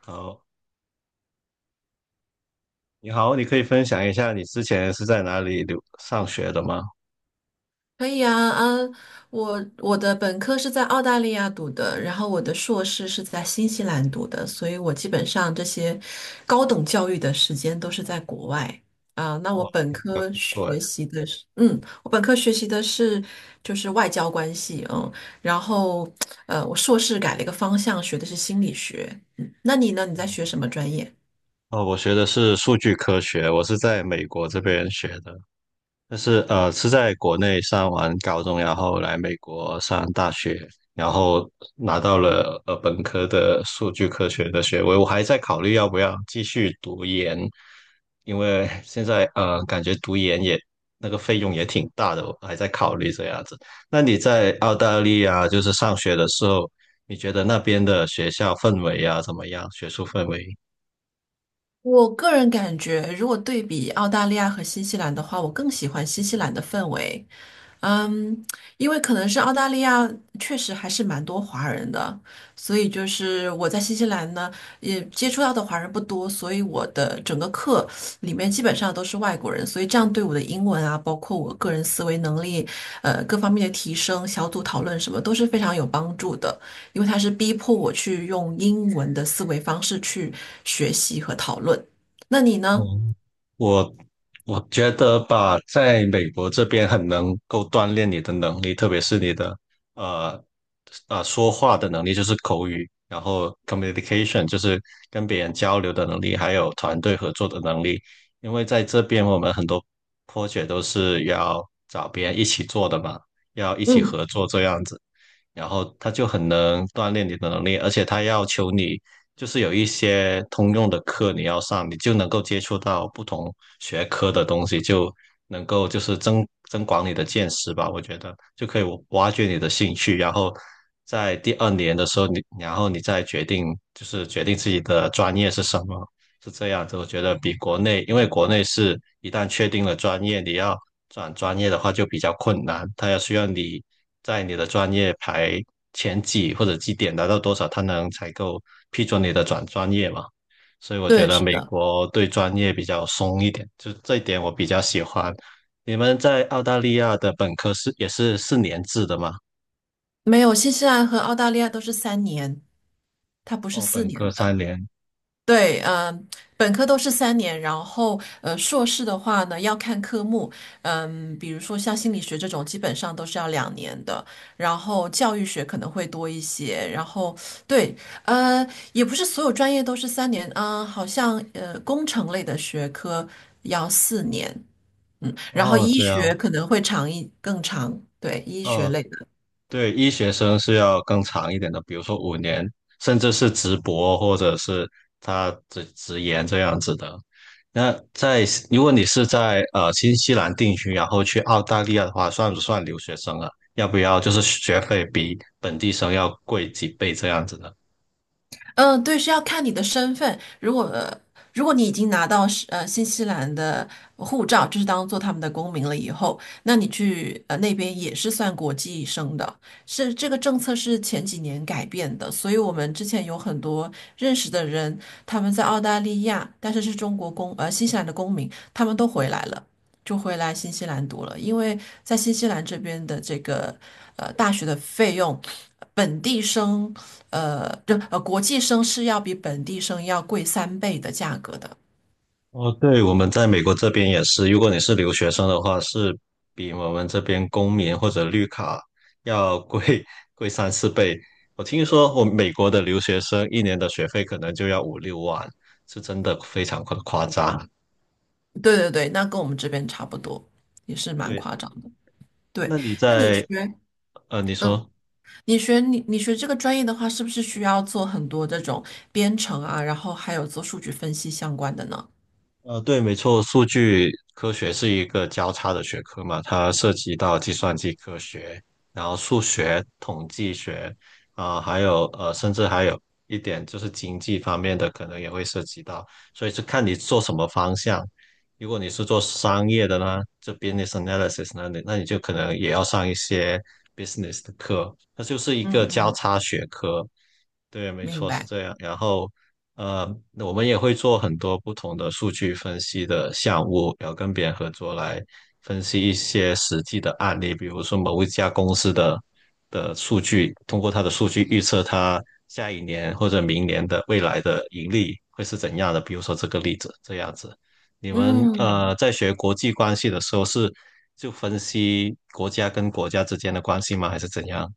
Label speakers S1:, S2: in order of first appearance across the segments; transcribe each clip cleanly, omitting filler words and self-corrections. S1: 好，你好，你可以分享一下你之前是在哪里留上学的吗？
S2: 可以啊，我的本科是在澳大利亚读的，然后我的硕士是在新西兰读的，所以我基本上这些高等教育的时间都是在国外啊。那
S1: 哇，听起来不错哎。
S2: 我本科学习的是就是外交关系，嗯，然后我硕士改了一个方向，学的是心理学。嗯，那你呢？你在学什么专业？
S1: 哦，我学的是数据科学，我是在美国这边学的。但是是在国内上完高中，然后来美国上大学，然后拿到了本科的数据科学的学位。我还在考虑要不要继续读研，因为 现在感觉读研也那个费用也挺大的，我还在考虑这样子。那你在澳大利亚就是上学的时候，你觉得那边的学校氛围啊怎么样？学术氛围？
S2: 我个人感觉，如果对比澳大利亚和新西兰的话，我更喜欢新西兰的氛围。嗯，因为可能是澳大利亚确实还是蛮多华人的，所以就是我在新西兰呢，也接触到的华人不多，所以我的整个课里面基本上都是外国人，所以这样对我的英文啊，包括我个人思维能力，各方面的提升、小组讨论什么都是非常有帮助的，因为它是逼迫我去用英文的思维方式去学习和讨论。那你呢？
S1: 哦，我我觉得吧，在美国这边很能够锻炼你的能力，特别是你的呃说话的能力，就是口语，然后 communication 就是跟别人交流的能力，还有团队合作的能力。因为在这边我们很多 project 都是要找别人一起做的嘛，要一起
S2: 嗯，
S1: 合作这样子。然后他就很能锻炼你的能力，而且他要求你就是有一些通用的课你要上，你就能够接触到不同学科的东西，就能够就是增广你的见识吧。我觉得就可以挖掘你的兴趣，然后在第二年的时候你，然后你再决定就是决定自己的专业是什么，是这样子。我觉得比国内，因为国内是一旦确定了专业，你要转专业的话就比较困难，它要需要你在你的专业排前几或者绩点达到多少，它能才够批准你的转专业嘛。所以我觉
S2: 对，
S1: 得
S2: 是
S1: 美
S2: 的，
S1: 国对专业比较松一点，就这一点我比较喜欢。你们在澳大利亚的本科是也是四年制的吗？
S2: 没有，新西兰和澳大利亚都是三年。它不是
S1: 哦，
S2: 四
S1: 本
S2: 年
S1: 科
S2: 的，
S1: 三年。
S2: 对，本科都是三年，然后硕士的话呢要看科目，比如说像心理学这种，基本上都是要2年的，然后教育学可能会多一些，然后对，呃，也不是所有专业都是三年啊、好像工程类的学科要四年，然后
S1: 哦，
S2: 医
S1: 这
S2: 学
S1: 样。
S2: 可能会长一更长，对，医学
S1: 哦，
S2: 类的。
S1: 对，医学生是要更长一点的，比如说五年，甚至是直博或者是他直研这样子的。那在如果你是在新西兰定居，然后去澳大利亚的话，算不算留学生啊？要不要就是学费比本地生要贵几倍这样子呢？
S2: 嗯，对，是要看你的身份。如果你已经拿到是新西兰的护照，就是当做他们的公民了以后，那你去那边也是算国际生的。是这个政策是前几年改变的，所以我们之前有很多认识的人，他们在澳大利亚，但是是中国公呃新西兰的公民，他们都回来了，就回来新西兰读了，因为在新西兰这边的这个大学的费用。本地生呃，就呃国际生是要比本地生要贵3倍的价格的。
S1: 哦，对，我们在美国这边也是，如果你是留学生的话，是比我们这边公民或者绿卡要贵 贵三四倍。我听说我美国的留学生一年的学费可能就要五六万，是真的非常夸张。
S2: 对对对，那跟我们这边差不多，也是蛮
S1: 对，
S2: 夸张的。对，
S1: 那你
S2: 那你学，
S1: 在，呃，你
S2: 嗯，
S1: 说。
S2: 你学这个专业的话，是不是需要做很多这种编程啊，然后还有做数据分析相关的呢？
S1: 对，没错，数据科学是一个交叉的学科嘛，它涉及到计算机科学，然后数学、统计学，啊、还有，甚至还有一点就是经济方面的，可能也会涉及到，所以是看你做什么方向。如果你是做商业的呢，这 business analysis 呢，你那你就可能也要上一些 business 的课，它就是一
S2: 嗯
S1: 个交
S2: 嗯，
S1: 叉学科。对，没
S2: 明
S1: 错，是
S2: 白。
S1: 这样。然后，那我们也会做很多不同的数据分析的项目，然后跟别人合作来分析一些实际的案例，比如说某一家公司的数据，通过它的数据预测它下一年或者明年的未来的盈利会是怎样的。比如说这个例子，这样子。你们
S2: 嗯。
S1: 在学国际关系的时候是就分析国家跟国家之间的关系吗？还是怎样？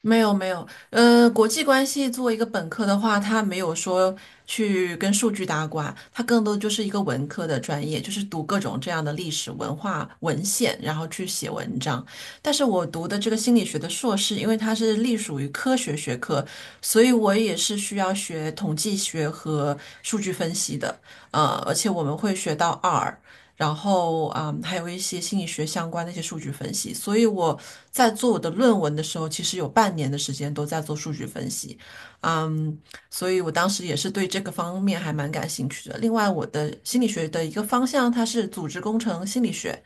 S2: 没有没有，国际关系作为一个本科的话，它没有说去跟数据搭挂，它更多就是一个文科的专业，就是读各种这样的历史文化文献，然后去写文章。但是我读的这个心理学的硕士，因为它是隶属于科学学科，所以我也是需要学统计学和数据分析的，而且我们会学到 R，然后还有一些心理学相关的一些数据分析。所以我在做我的论文的时候，其实有半年的时间都在做数据分析，嗯，所以我当时也是对这个方面还蛮感兴趣的。另外，我的心理学的一个方向，它是组织工程心理学，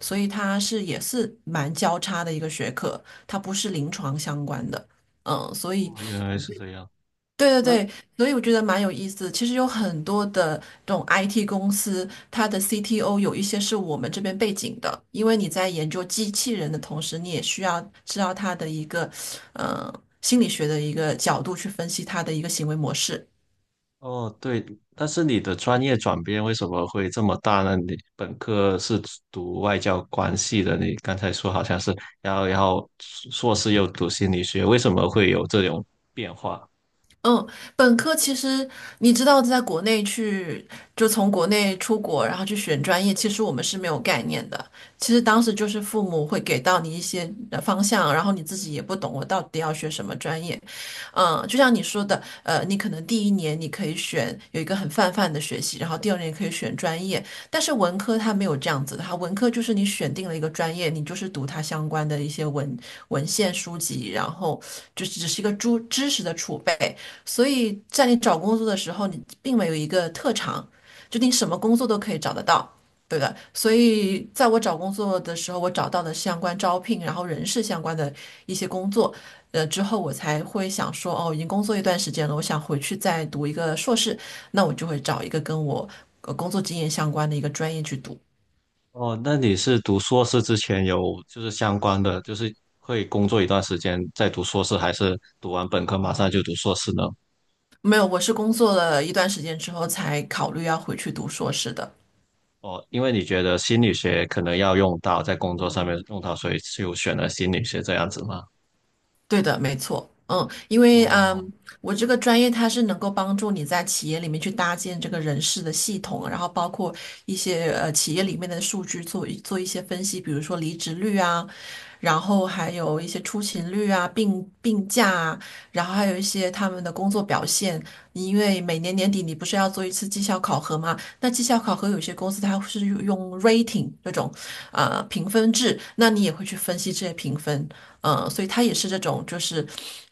S2: 所以它是也是蛮交叉的一个学科，它不是临床相关的。所以
S1: 哦，原来是这样。
S2: 对对
S1: 那
S2: 对，所以我觉得蛮有意思的。其实有很多的这种 IT 公司，它的 CTO 有一些是我们这边背景的，因为你在研究机器人的同时，你也需要知道它的一个呃心理学的一个角度去分析它的一个行为模式。
S1: 哦，对，但是你的专业转变为什么会这么大呢？你本科是读外交关系的，你刚才说好像是然后硕士又读心理学，为什么会有这种变化？
S2: 嗯，本科其实你知道，在国内去就从国内出国，然后去选专业，其实我们是没有概念的。其实当时就是父母会给到你一些方向，然后你自己也不懂我到底要学什么专业。就像你说的，你可能第一年你可以选有一个很泛泛的学习，然后第二年可以选专业，但是文科它没有这样子的，它文科就是你选定了一个专业，你就是读它相关的一些文献书籍，然后就是只是一个知识的储备，所以在你找工作的时候，你并没有一个特长，就你什么工作都可以找得到。对的，所以在我找工作的时候，我找到了相关招聘，然后人事相关的一些工作，之后我才会想说，哦，已经工作一段时间了，我想回去再读一个硕士，那我就会找一个跟我工作经验相关的一个专业去读。
S1: 哦，那你是读硕士之前有就是相关的，就是会工作一段时间再读硕士，还是读完本科马上就读硕士呢？
S2: 没有，我是工作了一段时间之后才考虑要回去读硕士的。
S1: 哦，因为你觉得心理学可能要用到在工作上面用到，所以就选了心理学这样子吗？
S2: 对的，没错，因为
S1: 哦。
S2: 我这个专业它是能够帮助你在企业里面去搭建这个人事的系统，然后包括一些企业里面的数据做一些分析，比如说离职率啊，然后还有一些出勤率啊、病假啊，然后还有一些他们的工作表现。因为每年年底你不是要做一次绩效考核吗？那绩效考核有些公司它是用 rating 这种评分制，那你也会去分析这些评分。所以它也是这种就是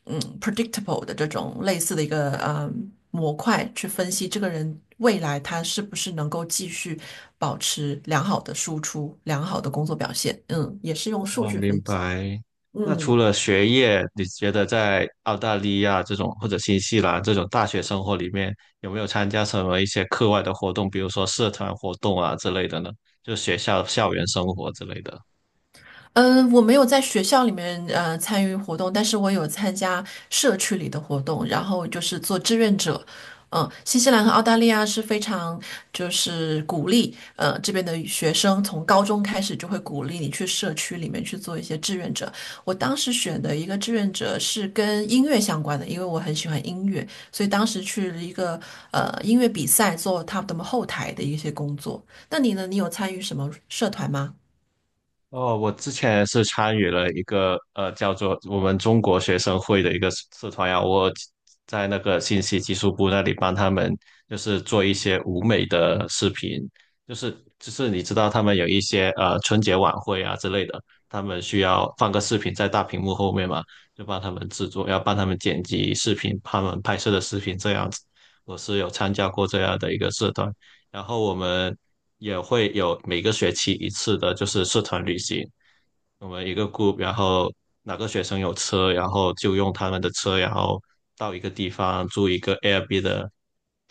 S2: predictable 的这种类似的一个模块去分析这个人未来他是不是能够继续保持良好的输出、良好的工作表现。嗯，也是用数
S1: 哦，
S2: 据
S1: 明
S2: 分析。
S1: 白。那除
S2: 嗯。
S1: 了学业，你觉得在澳大利亚这种或者新西兰这种大学生活里面，有没有参加什么一些课外的活动，比如说社团活动啊之类的呢？就学校校园生活之类的。
S2: 嗯，我没有在学校里面参与活动，但是我有参加社区里的活动，然后就是做志愿者。新西兰和澳大利亚是非常就是鼓励这边的学生从高中开始就会鼓励你去社区里面去做一些志愿者。我当时选的一个志愿者是跟音乐相关的，因为我很喜欢音乐，所以当时去了一个音乐比赛做他们后台的一些工作。那你呢？你有参与什么社团吗？
S1: 哦，我之前是参与了一个叫做我们中国学生会的一个社团呀，我在那个信息技术部那里帮他们就是做一些舞美的视频，就是就是你知道他们有一些春节晚会啊之类的，他们需要放个视频在大屏幕后面嘛，就帮他们制作，要帮他们剪辑视频，他们拍摄的视频这样子，我是有参加过这样的一个社团。然后我们也会有每个学期一次的，就是社团旅行。我们一个 group，然后有车，然后就用他们的车，然后到一个地方住一个 Airbnb 的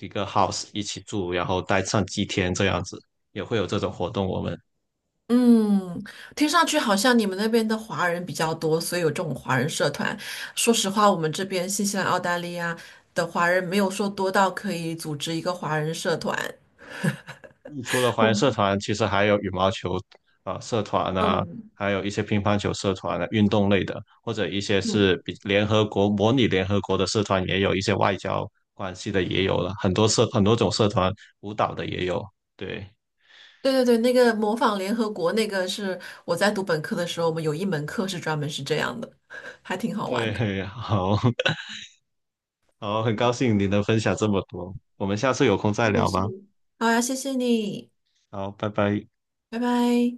S1: 一个 house 一起住，然后待上几天这样子，也会有这种活动。我们
S2: 嗯，听上去好像你们那边的华人比较多，所以有这种华人社团。说实话，我们这边新西兰、澳大利亚的华人没有说多到可以组织一个华人社团。
S1: 除了华人社
S2: 嗯
S1: 团，其实还有羽毛球啊、社团啊，
S2: 嗯
S1: 还有一些乒乓球社团啊，运动类的，或者一些
S2: 嗯，
S1: 是比联合国模拟联合国的社团也有，一些外交关系的也有了，很多种社团，舞蹈的也有。对，
S2: 对对对，那个模仿联合国那个是我在读本科的时候，我们有一门课是专门是这样的，还挺好玩
S1: 对，
S2: 的。
S1: 嘿好 好，很高兴你能分享这么多，我们下次有空再
S2: 我也
S1: 聊
S2: 是。
S1: 吧。
S2: 好呀，谢谢你，
S1: 好，拜拜。
S2: 拜拜。